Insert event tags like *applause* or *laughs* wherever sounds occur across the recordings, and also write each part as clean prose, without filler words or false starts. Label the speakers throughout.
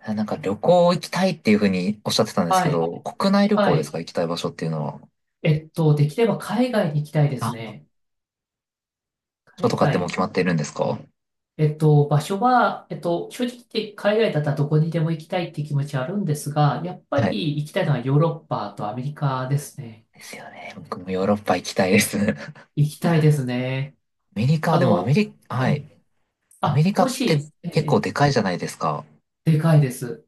Speaker 1: なんか旅行行きたいっていうふうにおっしゃってたんです
Speaker 2: は
Speaker 1: け
Speaker 2: い。
Speaker 1: ど、国内旅
Speaker 2: は
Speaker 1: 行です
Speaker 2: い。
Speaker 1: か？行きたい場所っていうのは。
Speaker 2: できれば海外に行きたいです
Speaker 1: あ、
Speaker 2: ね。
Speaker 1: ょっ
Speaker 2: 海
Speaker 1: とかってもう
Speaker 2: 外。
Speaker 1: 決まっているんですか？
Speaker 2: 場所は、正直言って海外だったらどこにでも行きたいって気持ちはあるんですが、やっぱ
Speaker 1: はい。
Speaker 2: り行きたいのはヨーロッパとアメリカですね。
Speaker 1: ですよね。僕もヨーロッパ行きたいです。*laughs*
Speaker 2: 行きたいですね。
Speaker 1: アメリカ、
Speaker 2: あ
Speaker 1: でもアメ
Speaker 2: の、
Speaker 1: リ、
Speaker 2: え
Speaker 1: はい。
Speaker 2: え、
Speaker 1: アメ
Speaker 2: あ、
Speaker 1: リカ
Speaker 2: も
Speaker 1: って
Speaker 2: し、え
Speaker 1: 結構
Speaker 2: え、
Speaker 1: でかいじゃないですか。
Speaker 2: でかいです。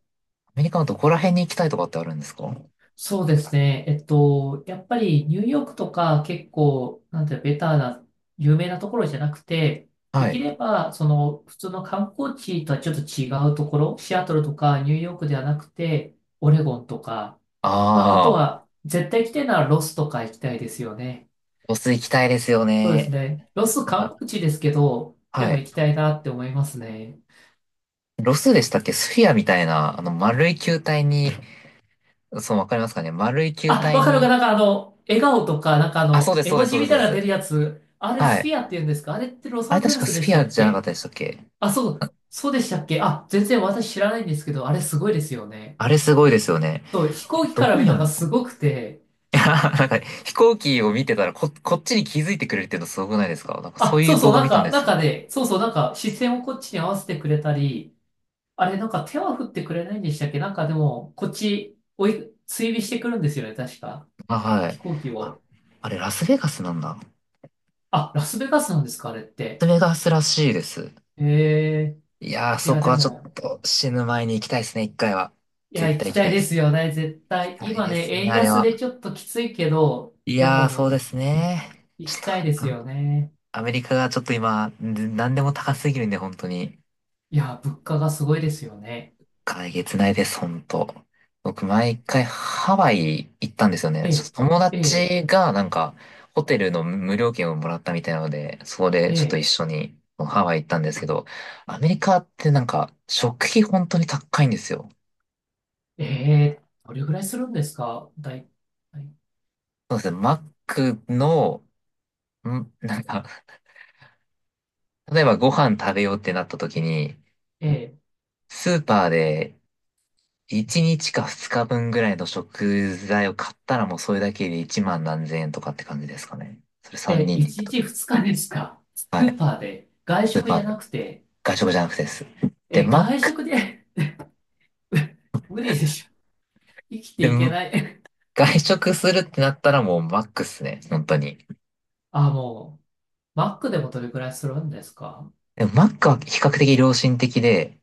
Speaker 1: アメリカのどこら辺に行きたいとかってあるんですか？
Speaker 2: そうですね。やっぱりニューヨークとか結構、なんていうのベターな、有名なところじゃなくて、
Speaker 1: は
Speaker 2: でき
Speaker 1: い。
Speaker 2: れば、その、普通の観光地とはちょっと違うところ、シアトルとかニューヨークではなくて、オレゴンとか、まあ、あと
Speaker 1: ああ、
Speaker 2: は、絶対行きたいならロスとか行きたいですよね。
Speaker 1: ロス行きたいですよ
Speaker 2: そうです
Speaker 1: ね。
Speaker 2: ね。ロス
Speaker 1: なんか、
Speaker 2: 観光地ですけど、で
Speaker 1: は
Speaker 2: も
Speaker 1: い。
Speaker 2: 行きたいなって思いますね。
Speaker 1: ロスでしたっけ？スフィアみたいな、丸い球体に、そう、わかりますかね？丸い球
Speaker 2: あ、
Speaker 1: 体
Speaker 2: わかるか、
Speaker 1: に、
Speaker 2: 笑顔とか、
Speaker 1: あ、そうです、
Speaker 2: 絵
Speaker 1: そうで
Speaker 2: 文
Speaker 1: す、そ
Speaker 2: 字
Speaker 1: うです、
Speaker 2: みた
Speaker 1: そ
Speaker 2: いなの
Speaker 1: う
Speaker 2: 出
Speaker 1: で
Speaker 2: る
Speaker 1: す。
Speaker 2: やつ、あれ
Speaker 1: は
Speaker 2: スフ
Speaker 1: い。
Speaker 2: ィアって言うんですか？あれってロ
Speaker 1: あ
Speaker 2: サ
Speaker 1: れ
Speaker 2: ンゼ
Speaker 1: 確
Speaker 2: ル
Speaker 1: か
Speaker 2: ス
Speaker 1: ス
Speaker 2: でし
Speaker 1: フィ
Speaker 2: た
Speaker 1: ア
Speaker 2: っ
Speaker 1: じゃなかっ
Speaker 2: け？
Speaker 1: たでしたっけ？
Speaker 2: あ、そう、そうでしたっけ？あ、全然私知らないんですけど、あれすごいですよね。
Speaker 1: あれすごいですよね。
Speaker 2: そう、飛
Speaker 1: あ
Speaker 2: 行
Speaker 1: れ
Speaker 2: 機
Speaker 1: ど
Speaker 2: から
Speaker 1: こ
Speaker 2: 見る
Speaker 1: にあ
Speaker 2: の
Speaker 1: る
Speaker 2: がす
Speaker 1: の？
Speaker 2: ごくて、
Speaker 1: いや、*laughs* なんか飛行機を見てたらこっちに気づいてくれるっていうのすごくないですか？なんかそ
Speaker 2: あ、
Speaker 1: うい
Speaker 2: そ
Speaker 1: う
Speaker 2: うそ
Speaker 1: 動
Speaker 2: う、
Speaker 1: 画
Speaker 2: なん
Speaker 1: 見たん
Speaker 2: か、
Speaker 1: で
Speaker 2: な
Speaker 1: す
Speaker 2: んか
Speaker 1: よ。
Speaker 2: ね、そうそう、なんか視線をこっちに合わせてくれたり、あれなんか手は振ってくれないんでしたっけ？なんかでも、こっち追尾してくるんですよね、確か。
Speaker 1: あ、は
Speaker 2: 飛
Speaker 1: い。
Speaker 2: 行機
Speaker 1: あ、
Speaker 2: を。
Speaker 1: あれラスベガスなんだ。
Speaker 2: あ、ラスベガスなんですか、あれっ
Speaker 1: ラス
Speaker 2: て。
Speaker 1: ベガスらしいです。
Speaker 2: へえ、
Speaker 1: いやー、
Speaker 2: い
Speaker 1: そ
Speaker 2: や、
Speaker 1: こ
Speaker 2: で
Speaker 1: はちょっ
Speaker 2: も、
Speaker 1: と死ぬ前に行きたいですね、一回は。
Speaker 2: いや、
Speaker 1: 絶
Speaker 2: 行
Speaker 1: 対
Speaker 2: き
Speaker 1: 行き
Speaker 2: た
Speaker 1: た
Speaker 2: い
Speaker 1: いで
Speaker 2: です
Speaker 1: す。
Speaker 2: よね、絶
Speaker 1: 行き
Speaker 2: 対。
Speaker 1: たい
Speaker 2: 今
Speaker 1: で
Speaker 2: ね、
Speaker 1: すね、
Speaker 2: 円
Speaker 1: あれ
Speaker 2: 安で
Speaker 1: は。
Speaker 2: ちょっときついけど、
Speaker 1: い
Speaker 2: で
Speaker 1: やー、そう
Speaker 2: も、
Speaker 1: です
Speaker 2: え、
Speaker 1: ね。ち
Speaker 2: 行
Speaker 1: ょっ
Speaker 2: き
Speaker 1: と、
Speaker 2: たいです
Speaker 1: あ、
Speaker 2: よね。
Speaker 1: アメリカがちょっと今、何でも高すぎるんで、本当に。
Speaker 2: いや、物価がすごいですよね。
Speaker 1: えげつないです、僕、毎回ハワイ行ったんですよね。ちょっ
Speaker 2: え、
Speaker 1: と友
Speaker 2: え、
Speaker 1: 達が、ホテルの無料券をもらったみたいなので、そこでちょっと
Speaker 2: え、
Speaker 1: 一緒にハワイ行ったんですけど、アメリカってなんか、食費本当に高いんですよ。
Speaker 2: え、えーどれぐらいするんですか？だい、だい
Speaker 1: そうですね、マックの、ん、なんか、例えばご飯食べようってなった時に、
Speaker 2: え
Speaker 1: スーパーで1日か2日分ぐらいの食材を買ったらもうそれだけで1万何千円とかって感じですかね。それ
Speaker 2: ー、
Speaker 1: 3
Speaker 2: えー、
Speaker 1: 人で行っ
Speaker 2: 1
Speaker 1: た
Speaker 2: 日
Speaker 1: 時。
Speaker 2: 2日ですか？ス
Speaker 1: はい。
Speaker 2: ーパーで。外
Speaker 1: スー
Speaker 2: 食
Speaker 1: パ
Speaker 2: じゃ
Speaker 1: ー
Speaker 2: な
Speaker 1: で。
Speaker 2: くて、
Speaker 1: 外食じゃなくてです。で、
Speaker 2: え、
Speaker 1: マッ
Speaker 2: 外
Speaker 1: ク、
Speaker 2: 食で。 *laughs* 無理でしょ。生きて
Speaker 1: で、
Speaker 2: いけない。
Speaker 1: 外食するってなったらもうマックっすね。本当に。
Speaker 2: あ、もう、マックでもどれぐらいするんですか？
Speaker 1: でもマックは比較的良心的で、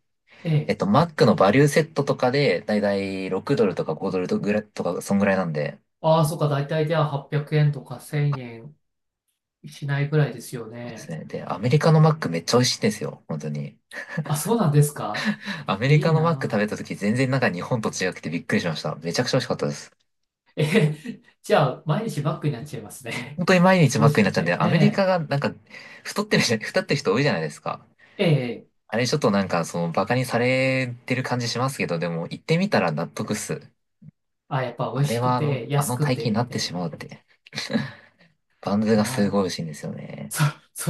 Speaker 2: え
Speaker 1: マックのバリューセットとかで、だいたい6ドルとか5ドルとぐらいとか、そんぐらいなんで、
Speaker 2: ああ、そっか、大体では800円とか1000円しないぐらいですよ
Speaker 1: そうです
Speaker 2: ね。
Speaker 1: ね。で、アメリカのマックめっちゃ美味しいんですよ。本当に。
Speaker 2: あ、そうなんですか？
Speaker 1: アメリ
Speaker 2: いい
Speaker 1: カのマック食
Speaker 2: な
Speaker 1: べた時全然なんか日本と違くてびっくりしました。めちゃくちゃ美味しかったです。
Speaker 2: ぁ。え、*laughs* じゃあ、毎日バックになっちゃいますね。
Speaker 1: 本当に毎
Speaker 2: *laughs*
Speaker 1: 日
Speaker 2: 美
Speaker 1: マッ
Speaker 2: 味し
Speaker 1: クにな
Speaker 2: く
Speaker 1: っちゃうんで、
Speaker 2: て。
Speaker 1: アメリカ
Speaker 2: ね
Speaker 1: がなんか太ってる人多いじゃないですか。
Speaker 2: ええ、え
Speaker 1: あれちょっとなんかそのバカにされてる感じしますけど、でも行ってみたら納得っす。
Speaker 2: あ、やっぱ美
Speaker 1: あ
Speaker 2: 味
Speaker 1: れ
Speaker 2: しく
Speaker 1: はあの、
Speaker 2: て、
Speaker 1: あ
Speaker 2: 安
Speaker 1: の
Speaker 2: く
Speaker 1: 体型に
Speaker 2: て、
Speaker 1: な
Speaker 2: み
Speaker 1: っ
Speaker 2: た
Speaker 1: て
Speaker 2: い
Speaker 1: しまう
Speaker 2: な。
Speaker 1: って。バンズ
Speaker 2: い
Speaker 1: が
Speaker 2: や
Speaker 1: す
Speaker 2: ー、
Speaker 1: ごい美味しいんですよね。
Speaker 2: そ、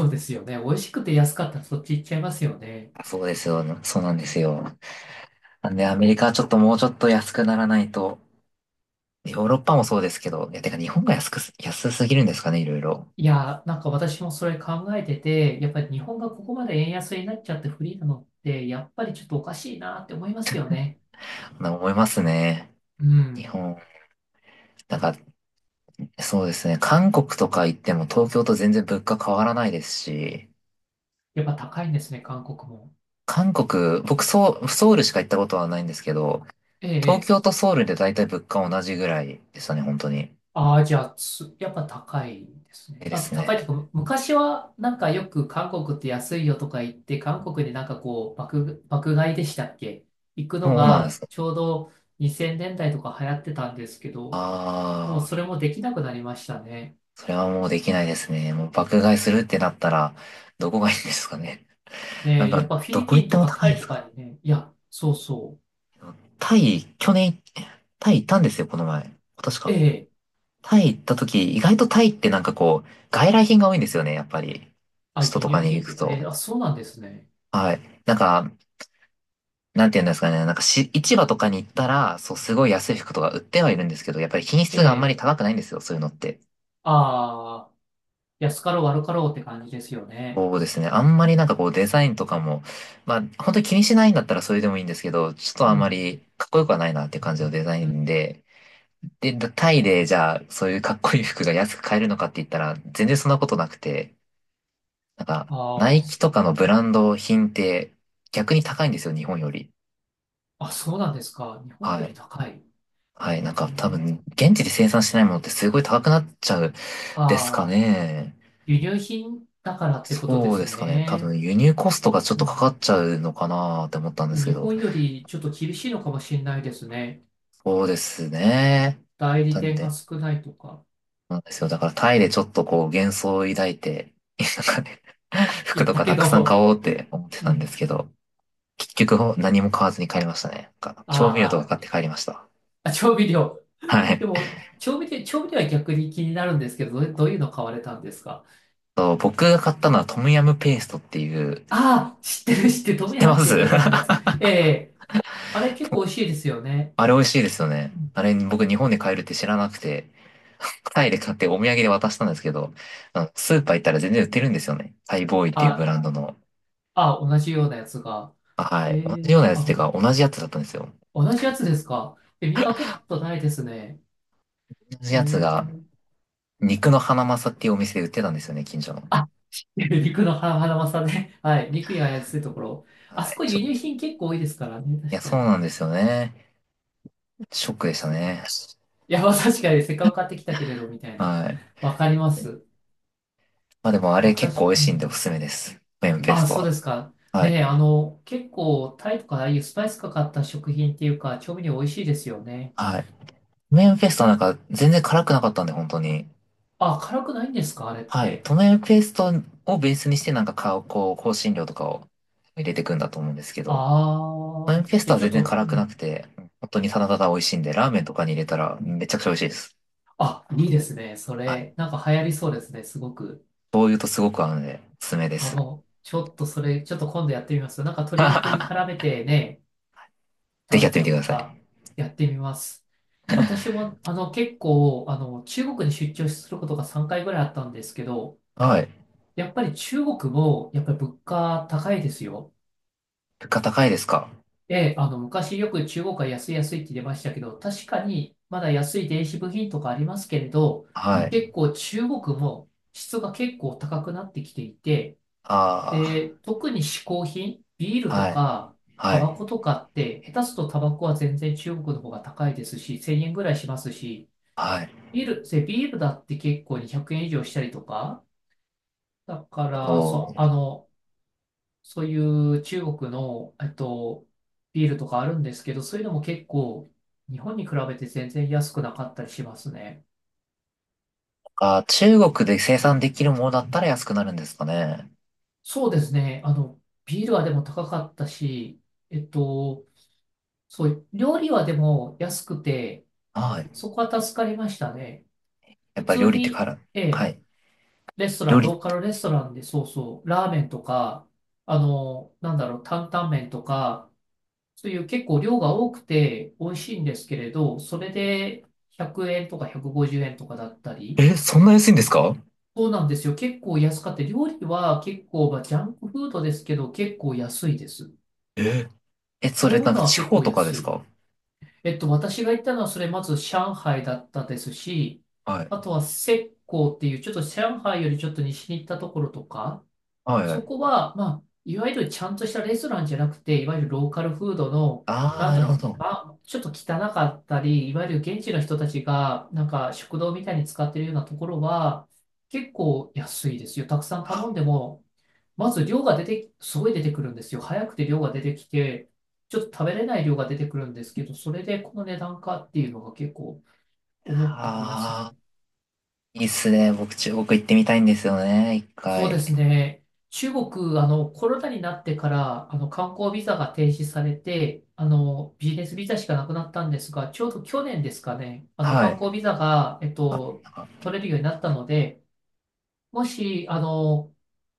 Speaker 2: そうですよね。美味しくて安かったらそっち行っちゃいますよね。
Speaker 1: あ、そうですよ。そうなんですよ。なんでアメリカはちょっともうちょっと安くならないと、ヨーロッパもそうですけど、いや、てか日本が安すぎるんですかね、いろいろ。
Speaker 2: いやー、なんか私もそれ考えてて、やっぱり日本がここまで円安になっちゃってフリーなのって、やっぱりちょっとおかしいなって思いますよね。
Speaker 1: なんか思いますね。
Speaker 2: う
Speaker 1: 日
Speaker 2: ん。
Speaker 1: 本だから、そうですね。韓国とか行っても東京と全然物価変わらないですし、
Speaker 2: やっぱ高いんですね、韓国も。
Speaker 1: 韓国、僕ソウ、ソウルしか行ったことはないんですけど、
Speaker 2: ええ、え
Speaker 1: 東
Speaker 2: え。
Speaker 1: 京とソウルで大体物価同じぐらいでしたね、本当に。
Speaker 2: ああ、じゃあ、つやっぱ高いです
Speaker 1: え
Speaker 2: ね。
Speaker 1: えで
Speaker 2: あ、
Speaker 1: す
Speaker 2: 高いっていう
Speaker 1: ね。
Speaker 2: か、昔はなんかよく韓国って安いよとか言って、韓国でなんかこう、爆買いでしたっけ？行くの
Speaker 1: そうなんで
Speaker 2: が
Speaker 1: すか。
Speaker 2: ちょうど2000年代とか流行ってたんですけど、もう
Speaker 1: ああ、
Speaker 2: それもできなくなりましたね。
Speaker 1: それはもうできないですね。もう爆買いするってなったら、どこがいいんですかね。な
Speaker 2: ね
Speaker 1: ん
Speaker 2: え、やっ
Speaker 1: か、
Speaker 2: ぱフィ
Speaker 1: ど
Speaker 2: リ
Speaker 1: こ
Speaker 2: ピ
Speaker 1: 行
Speaker 2: ン
Speaker 1: って
Speaker 2: と
Speaker 1: も
Speaker 2: か
Speaker 1: 高
Speaker 2: タ
Speaker 1: い
Speaker 2: イ
Speaker 1: で
Speaker 2: と
Speaker 1: すか？
Speaker 2: かにね、いや、そうそ
Speaker 1: タイ、去年、タイ行ったんですよ、この前。今年
Speaker 2: う。え
Speaker 1: か。
Speaker 2: え、
Speaker 1: タイ行った時、意外とタイってなんかこう、外来品が多いんですよね、やっぱり。
Speaker 2: あ、
Speaker 1: 首都
Speaker 2: 輸
Speaker 1: と
Speaker 2: 入
Speaker 1: かに
Speaker 2: 品
Speaker 1: 行
Speaker 2: って、
Speaker 1: くと。
Speaker 2: ええ、あ、そうなんですね。
Speaker 1: はい。なんて言うんですかね。なんかし、市場とかに行ったら、そう、すごい安い服とか売ってはいるんですけど、やっぱり品
Speaker 2: え
Speaker 1: 質があんまり
Speaker 2: え、
Speaker 1: 高くないんですよ、そういうのって。
Speaker 2: ああ、安かろう悪かろうって感じですよね。
Speaker 1: そうですね。あんまりなんかこう、デザインとかも、まあ、本当に気にしないんだったらそれでもいいんですけど、ちょっと
Speaker 2: う
Speaker 1: あんま
Speaker 2: ん。
Speaker 1: りかっこよくはないなっていう感じのデザイ
Speaker 2: う
Speaker 1: ン
Speaker 2: ん。
Speaker 1: で、で、タイでじゃあ、そういうかっこいい服が安く買えるのかって言ったら、全然そんなことなくて、なんか、
Speaker 2: あ
Speaker 1: ナイキ
Speaker 2: あ。
Speaker 1: とかのブランド品って逆に高いんですよ、日本より。
Speaker 2: あ、そうなんですか。日本よ
Speaker 1: は
Speaker 2: り
Speaker 1: い。
Speaker 2: 高い。
Speaker 1: はい。なん
Speaker 2: え
Speaker 1: か多
Speaker 2: ー、
Speaker 1: 分、現地で生産してないものってすごい高くなっちゃうです
Speaker 2: あ
Speaker 1: か
Speaker 2: あ、
Speaker 1: ね。
Speaker 2: 輸入品だからってことで
Speaker 1: そうで
Speaker 2: す
Speaker 1: すかね。多
Speaker 2: ね。
Speaker 1: 分、輸入コストがちょっ
Speaker 2: う
Speaker 1: とかか
Speaker 2: ん。
Speaker 1: っちゃうのかなって思ったんです
Speaker 2: 日
Speaker 1: けど。
Speaker 2: 本よりちょっと厳しいのかもしれないですね。
Speaker 1: そうですね。
Speaker 2: 代理
Speaker 1: なん
Speaker 2: 店が
Speaker 1: で、
Speaker 2: 少ないとか
Speaker 1: なんですよ。だからタイでちょっとこう幻想を抱いて、なんかね、*laughs* 服
Speaker 2: 言っ
Speaker 1: と
Speaker 2: た
Speaker 1: かた
Speaker 2: け
Speaker 1: くさん買
Speaker 2: ど、
Speaker 1: おうって思って
Speaker 2: う
Speaker 1: たんです
Speaker 2: ん。
Speaker 1: けど、結局何も買わずに帰りましたね。なんか調味料とか
Speaker 2: あ
Speaker 1: 買って帰りました。
Speaker 2: あ、あ調味料。
Speaker 1: は
Speaker 2: で
Speaker 1: い。
Speaker 2: も、調味料、調味料は逆に気になるんですけど、どうどういうの買われたんですか？
Speaker 1: 僕が買ったのはトムヤムペーストっていう、
Speaker 2: ああ、知ってる知ってる、ト
Speaker 1: 知っ
Speaker 2: ム
Speaker 1: て
Speaker 2: ヤ
Speaker 1: ま
Speaker 2: ムク
Speaker 1: す
Speaker 2: ンとかのやつ。
Speaker 1: *laughs*
Speaker 2: ええ、あれ結構美味しいですよね。
Speaker 1: あれ美味しいですよね。
Speaker 2: うん
Speaker 1: あれ僕日本で買えるって知らなくて、タイで買ってお土産で渡したんですけど、あのスーパー行ったら全然売ってるんですよね。タイボーイっていうブ
Speaker 2: あ、
Speaker 1: ランドの。
Speaker 2: あ、同じようなやつが。
Speaker 1: あ、は
Speaker 2: え
Speaker 1: い。同じ
Speaker 2: え
Speaker 1: ようなやつっ
Speaker 2: あ、
Speaker 1: ていうか、同じやつだったんですよ。
Speaker 2: 同じやつですか？え、見かけたことないですね。
Speaker 1: 同じ
Speaker 2: え
Speaker 1: やつが、
Speaker 2: ー、
Speaker 1: 肉のハナマサっていうお店で売ってたんですよね、近所の。
Speaker 2: あ、*laughs* 肉のハハマサね。はい。肉や安いところ。あ
Speaker 1: は
Speaker 2: そ
Speaker 1: い。
Speaker 2: こ
Speaker 1: ちょ
Speaker 2: 輸
Speaker 1: っと、い
Speaker 2: 入品結構多いですからね。
Speaker 1: や、
Speaker 2: 確か
Speaker 1: そう
Speaker 2: に。
Speaker 1: なんですよね。ショックでした
Speaker 2: そう。
Speaker 1: ね。
Speaker 2: いや、まあ確かにせっかく買ってきたけれど、みたいな。
Speaker 1: はい。
Speaker 2: わかります。
Speaker 1: まあでもあれ結構
Speaker 2: 私、
Speaker 1: 美味
Speaker 2: う
Speaker 1: しいんでおす
Speaker 2: ん。
Speaker 1: すめです。メンペース
Speaker 2: あ、
Speaker 1: ト
Speaker 2: そう
Speaker 1: は。
Speaker 2: ですか。
Speaker 1: はい。
Speaker 2: ねえ、結構、タイとかああいうスパイスかかった食品っていうか、調味料美味しいですよね。
Speaker 1: はい。トメンフェストなんか全然辛くなかったんで、本当に。
Speaker 2: あ、辛くないんですか、あれっ
Speaker 1: はい。
Speaker 2: て。
Speaker 1: トメンフェストをベースにしてなんかか、こう、香辛料とかを入れていくんだと思うんですけど、トメ
Speaker 2: あ
Speaker 1: ン
Speaker 2: あ。
Speaker 1: フェス
Speaker 2: じ
Speaker 1: ト
Speaker 2: ゃあ
Speaker 1: は
Speaker 2: ちょっ
Speaker 1: 全然
Speaker 2: と、う
Speaker 1: 辛くなく
Speaker 2: ん
Speaker 1: て、本当にただただ美味しいんで、ラーメンとかに入れたらめちゃくちゃ美味しいです。
Speaker 2: あ、いいですね。そ
Speaker 1: はい。
Speaker 2: れ、なんか流行りそうですね。すごく。
Speaker 1: 醤油とすごく合うので、おすすめで
Speaker 2: あ、
Speaker 1: す。
Speaker 2: もう、ちょっとそれ、ちょっと今度やってみます。なんか鶏肉に
Speaker 1: *laughs*
Speaker 2: 絡めてね、
Speaker 1: ぜ
Speaker 2: 食
Speaker 1: ひや
Speaker 2: べ
Speaker 1: って
Speaker 2: た
Speaker 1: み
Speaker 2: り
Speaker 1: てくだ
Speaker 2: と
Speaker 1: さ
Speaker 2: か、
Speaker 1: い。
Speaker 2: やってみます。私も、結構、中国に出張することが3回ぐらいあったんですけど、
Speaker 1: はい。
Speaker 2: やっぱり中国も、やっぱり物価高いですよ。
Speaker 1: 物価高いですか？
Speaker 2: ええ、昔よく中国は安い安いって出ましたけど、確かに、まだ安い電子部品とかありますけれど、
Speaker 1: はい。
Speaker 2: 結構中国も質が結構高くなってきていて、
Speaker 1: あ
Speaker 2: で、特に嗜好品、ビール
Speaker 1: あ、
Speaker 2: と
Speaker 1: はい。
Speaker 2: か、
Speaker 1: は
Speaker 2: タバコ
Speaker 1: い。
Speaker 2: とかって、下手するとタバコは全然中国の方が高いですし、1000円ぐらいしますし、
Speaker 1: はい。
Speaker 2: ビールだって結構200円以上したりとか、だから、
Speaker 1: そう。
Speaker 2: そう、そういう中国の、ビールとかあるんですけど、そういうのも結構、日本に比べて全然安くなかったりしますね。
Speaker 1: あ、中国で生産できるものだったら安くなるんですかね。
Speaker 2: そうですね。ビールはでも高かったし、えっと、そう、料理はでも安くて、
Speaker 1: はい。
Speaker 2: そこは助かりましたね。
Speaker 1: や
Speaker 2: 普
Speaker 1: っぱり
Speaker 2: 通
Speaker 1: 料理ってか
Speaker 2: に、
Speaker 1: ら、
Speaker 2: え
Speaker 1: は
Speaker 2: え、
Speaker 1: い。
Speaker 2: レスト
Speaker 1: 料
Speaker 2: ラン、
Speaker 1: 理っ
Speaker 2: ローカ
Speaker 1: て、
Speaker 2: ルレストランで、そうそう、ラーメンとか、なんだろう、担々麺とか、そういう結構量が多くて美味しいんですけれど、それで100円とか150円とかだったり、
Speaker 1: え、そんな安いんですか？
Speaker 2: そうなんですよ。結構安かって、料理は結構、まあ、ジャンクフードですけど、結構安いです。
Speaker 1: え、え、そ
Speaker 2: 食
Speaker 1: れ
Speaker 2: べ
Speaker 1: なんか
Speaker 2: 物は
Speaker 1: 地
Speaker 2: 結
Speaker 1: 方
Speaker 2: 構
Speaker 1: とかで
Speaker 2: 安
Speaker 1: す
Speaker 2: い。
Speaker 1: か？
Speaker 2: 私が行ったのは、それまず上海だったですし、
Speaker 1: は
Speaker 2: あ
Speaker 1: い。
Speaker 2: とは浙江っていう、ちょっと上海よりちょっと西に行ったところとか、
Speaker 1: はいは
Speaker 2: そ
Speaker 1: い。
Speaker 2: こは、まあ、いわゆるちゃんとしたレストランじゃなくて、いわゆるローカルフードの、
Speaker 1: ああ、
Speaker 2: なん
Speaker 1: な
Speaker 2: だ
Speaker 1: る
Speaker 2: ろ
Speaker 1: ほど。
Speaker 2: う、まあ、ちょっと汚かったり、いわゆる現地の人たちが、なんか食堂みたいに使ってるようなところは、結構安いですよ。たくさん頼んで
Speaker 1: は
Speaker 2: も、まず量が出て、すごい出てくるんですよ。早くて量が出てきて、ちょっと食べれない量が出てくるんですけど、それでこの値段かっていうのが結構思うとあります
Speaker 1: あ
Speaker 2: ね。
Speaker 1: ー、いいっすね。僕、中国行ってみたいんですよね。一
Speaker 2: そう
Speaker 1: 回。
Speaker 2: ですね。中国、コロナになってから、観光ビザが停止されて、ビジネスビザしかなくなったんですが、ちょうど去年ですかね、
Speaker 1: は
Speaker 2: 観
Speaker 1: い。
Speaker 2: 光ビザが、
Speaker 1: なんか、
Speaker 2: 取れるようになったので、もし、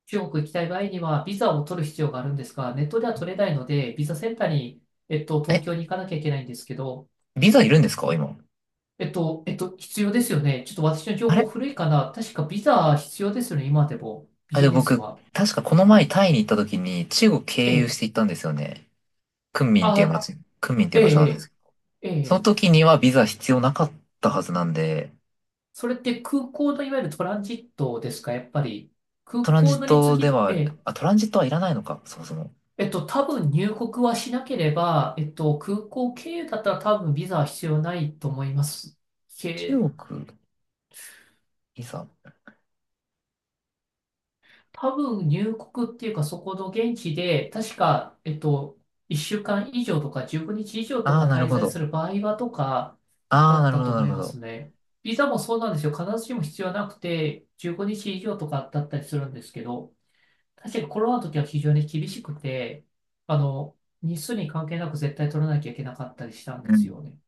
Speaker 2: 中国行きたい場合には、ビザを取る必要があるんですが、ネットでは取れないので、ビザセンターに、東
Speaker 1: え、
Speaker 2: 京に行かなきゃいけないんですけど、
Speaker 1: ビザいるんですか今？
Speaker 2: 必要ですよね。ちょっと私の情
Speaker 1: あ
Speaker 2: 報
Speaker 1: れ
Speaker 2: 古いかな。確かビザ必要ですよね、今でも。ビ
Speaker 1: あ、
Speaker 2: ジネスは。
Speaker 1: 確かこの前タイに行った時に中国
Speaker 2: え
Speaker 1: 経由し
Speaker 2: え。
Speaker 1: て行ったんですよね。昆明っていう
Speaker 2: あ、
Speaker 1: 街、昆明ってい
Speaker 2: え
Speaker 1: う場所なんで
Speaker 2: え、
Speaker 1: すけど。
Speaker 2: ええ。え
Speaker 1: その
Speaker 2: え
Speaker 1: 時にはビザ必要なかったはずなんで、
Speaker 2: それって空港のいわゆるトランジットですか、やっぱり。空
Speaker 1: トランジ
Speaker 2: 港
Speaker 1: ッ
Speaker 2: のに
Speaker 1: ト
Speaker 2: 次
Speaker 1: で
Speaker 2: ぎ、え
Speaker 1: は、
Speaker 2: え。
Speaker 1: あ、トランジットはいらないのか、そもそも。
Speaker 2: 多分入国はしなければ、空港経由だったら多分ビザは必要ないと思います。け、
Speaker 1: 中国、いざ。
Speaker 2: 多分入国っていうかそこの現地で、確か、1週間以上とか15日以上と
Speaker 1: ああ、
Speaker 2: か
Speaker 1: なる
Speaker 2: 滞
Speaker 1: ほ
Speaker 2: 在
Speaker 1: ど。
Speaker 2: する場合はとか
Speaker 1: あ
Speaker 2: だ
Speaker 1: あ、
Speaker 2: っ
Speaker 1: なる
Speaker 2: た
Speaker 1: ほ
Speaker 2: と
Speaker 1: ど、な
Speaker 2: 思
Speaker 1: る
Speaker 2: い
Speaker 1: ほ
Speaker 2: ます
Speaker 1: ど。
Speaker 2: ね。ビザもそうなんですよ。必ずしも必要はなくて、15日以上とかだったりするんですけど、確かコロナの時は非常に厳しくて、あの、日数に関係なく絶対取らなきゃいけなかったりしたんで
Speaker 1: う
Speaker 2: す
Speaker 1: ん。
Speaker 2: よね。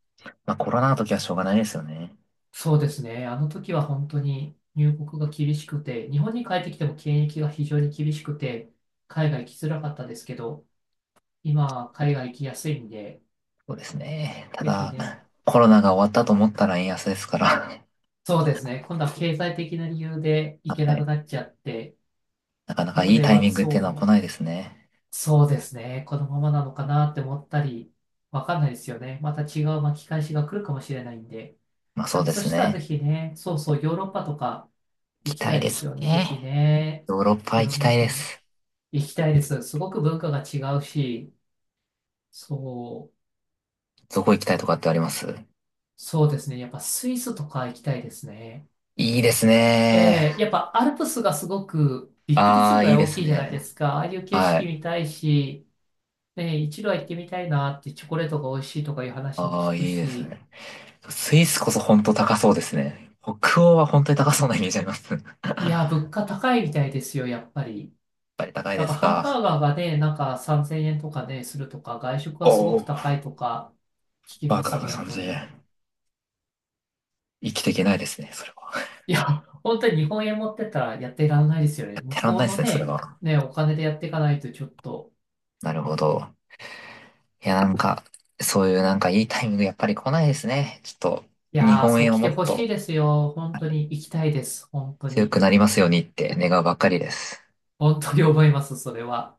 Speaker 1: まあ、コロナの時はしょうがないですよね。
Speaker 2: そうですね。あの時は本当に入国が厳しくて、日本に帰ってきても検疫が非常に厳しくて、海外行きづらかったですけど、今は海外行きやすいんで、
Speaker 1: そうですね。た
Speaker 2: ぜひ
Speaker 1: だ、
Speaker 2: ね、
Speaker 1: コロナが終わったと思ったら円安ですから。
Speaker 2: そうですね。今度は経済的な理由で
Speaker 1: *laughs*
Speaker 2: 行け
Speaker 1: は
Speaker 2: なく
Speaker 1: い。
Speaker 2: なっちゃって、
Speaker 1: なかなか
Speaker 2: なの
Speaker 1: いい
Speaker 2: で
Speaker 1: タイ
Speaker 2: は、
Speaker 1: ミングっていうのは来
Speaker 2: そ
Speaker 1: な
Speaker 2: う、
Speaker 1: いですね。
Speaker 2: そうですね。このままなのかなって思ったり、わかんないですよね。また違う巻き返しが来るかもしれないんで。
Speaker 1: まあ、
Speaker 2: で
Speaker 1: そう
Speaker 2: も
Speaker 1: で
Speaker 2: そ
Speaker 1: す
Speaker 2: したらぜ
Speaker 1: ね。
Speaker 2: ひね、そうそう、ヨーロッパとか
Speaker 1: 行き
Speaker 2: 行き
Speaker 1: た
Speaker 2: た
Speaker 1: い
Speaker 2: い
Speaker 1: で
Speaker 2: です
Speaker 1: す
Speaker 2: よね。ぜひ
Speaker 1: ね。
Speaker 2: ね、
Speaker 1: ヨーロッパ
Speaker 2: い
Speaker 1: 行
Speaker 2: ろ
Speaker 1: き
Speaker 2: ん
Speaker 1: た
Speaker 2: な
Speaker 1: いで
Speaker 2: 国。
Speaker 1: す。
Speaker 2: 行きたいです。すごく文化が違うし、そう、
Speaker 1: どこ行きたいとかってあります？
Speaker 2: そうですね。やっぱスイスとか行きたいですね。
Speaker 1: いいですね。
Speaker 2: えー、やっぱアルプスがすごくびっくりす
Speaker 1: あ
Speaker 2: る
Speaker 1: あ、
Speaker 2: ぐ
Speaker 1: い
Speaker 2: ら
Speaker 1: い
Speaker 2: い
Speaker 1: で
Speaker 2: 大
Speaker 1: す
Speaker 2: きいじゃないで
Speaker 1: ね。
Speaker 2: すか。ああいう景
Speaker 1: は
Speaker 2: 色
Speaker 1: い。
Speaker 2: 見たいし、ね、一度は行ってみたいなってチョコレートが美味しいとかいう話も
Speaker 1: ああ、
Speaker 2: 聞く
Speaker 1: いいです
Speaker 2: し、
Speaker 1: ね。スイスこそ本当高そうですね。北欧は本当に高そうなイメージあります。*laughs*
Speaker 2: いや、物価高いみたいですよ、やっぱり。
Speaker 1: ぱり高い
Speaker 2: な
Speaker 1: で
Speaker 2: んか
Speaker 1: す
Speaker 2: ハンバー
Speaker 1: か。
Speaker 2: ガーがね、なんか3000円とかね、するとか、外食
Speaker 1: お
Speaker 2: はすごく
Speaker 1: お、
Speaker 2: 高いとか聞き
Speaker 1: バ
Speaker 2: ま
Speaker 1: カ
Speaker 2: す、
Speaker 1: が
Speaker 2: 本当
Speaker 1: 3000
Speaker 2: に。
Speaker 1: 円。生きていけないですね、それは。
Speaker 2: いや、本当に日本円持ってったらやっていらんないですよ
Speaker 1: や
Speaker 2: ね。
Speaker 1: っ
Speaker 2: 向
Speaker 1: てらん
Speaker 2: こ
Speaker 1: な
Speaker 2: う
Speaker 1: いです
Speaker 2: の
Speaker 1: ね、それ
Speaker 2: ね、
Speaker 1: は。
Speaker 2: ね、お金でやっていかないとちょっと。
Speaker 1: なるほど。いや、なんか、そういうなんかいいタイミングやっぱり来ないですね。ちょっと、
Speaker 2: い
Speaker 1: 日
Speaker 2: やー、
Speaker 1: 本
Speaker 2: そう
Speaker 1: 円を
Speaker 2: 来
Speaker 1: も
Speaker 2: て
Speaker 1: っ
Speaker 2: ほしい
Speaker 1: と
Speaker 2: ですよ。本当に行きたいです。本当
Speaker 1: 強
Speaker 2: に。
Speaker 1: くなりますようにって願うばっかりです。
Speaker 2: 本当に思います、それは。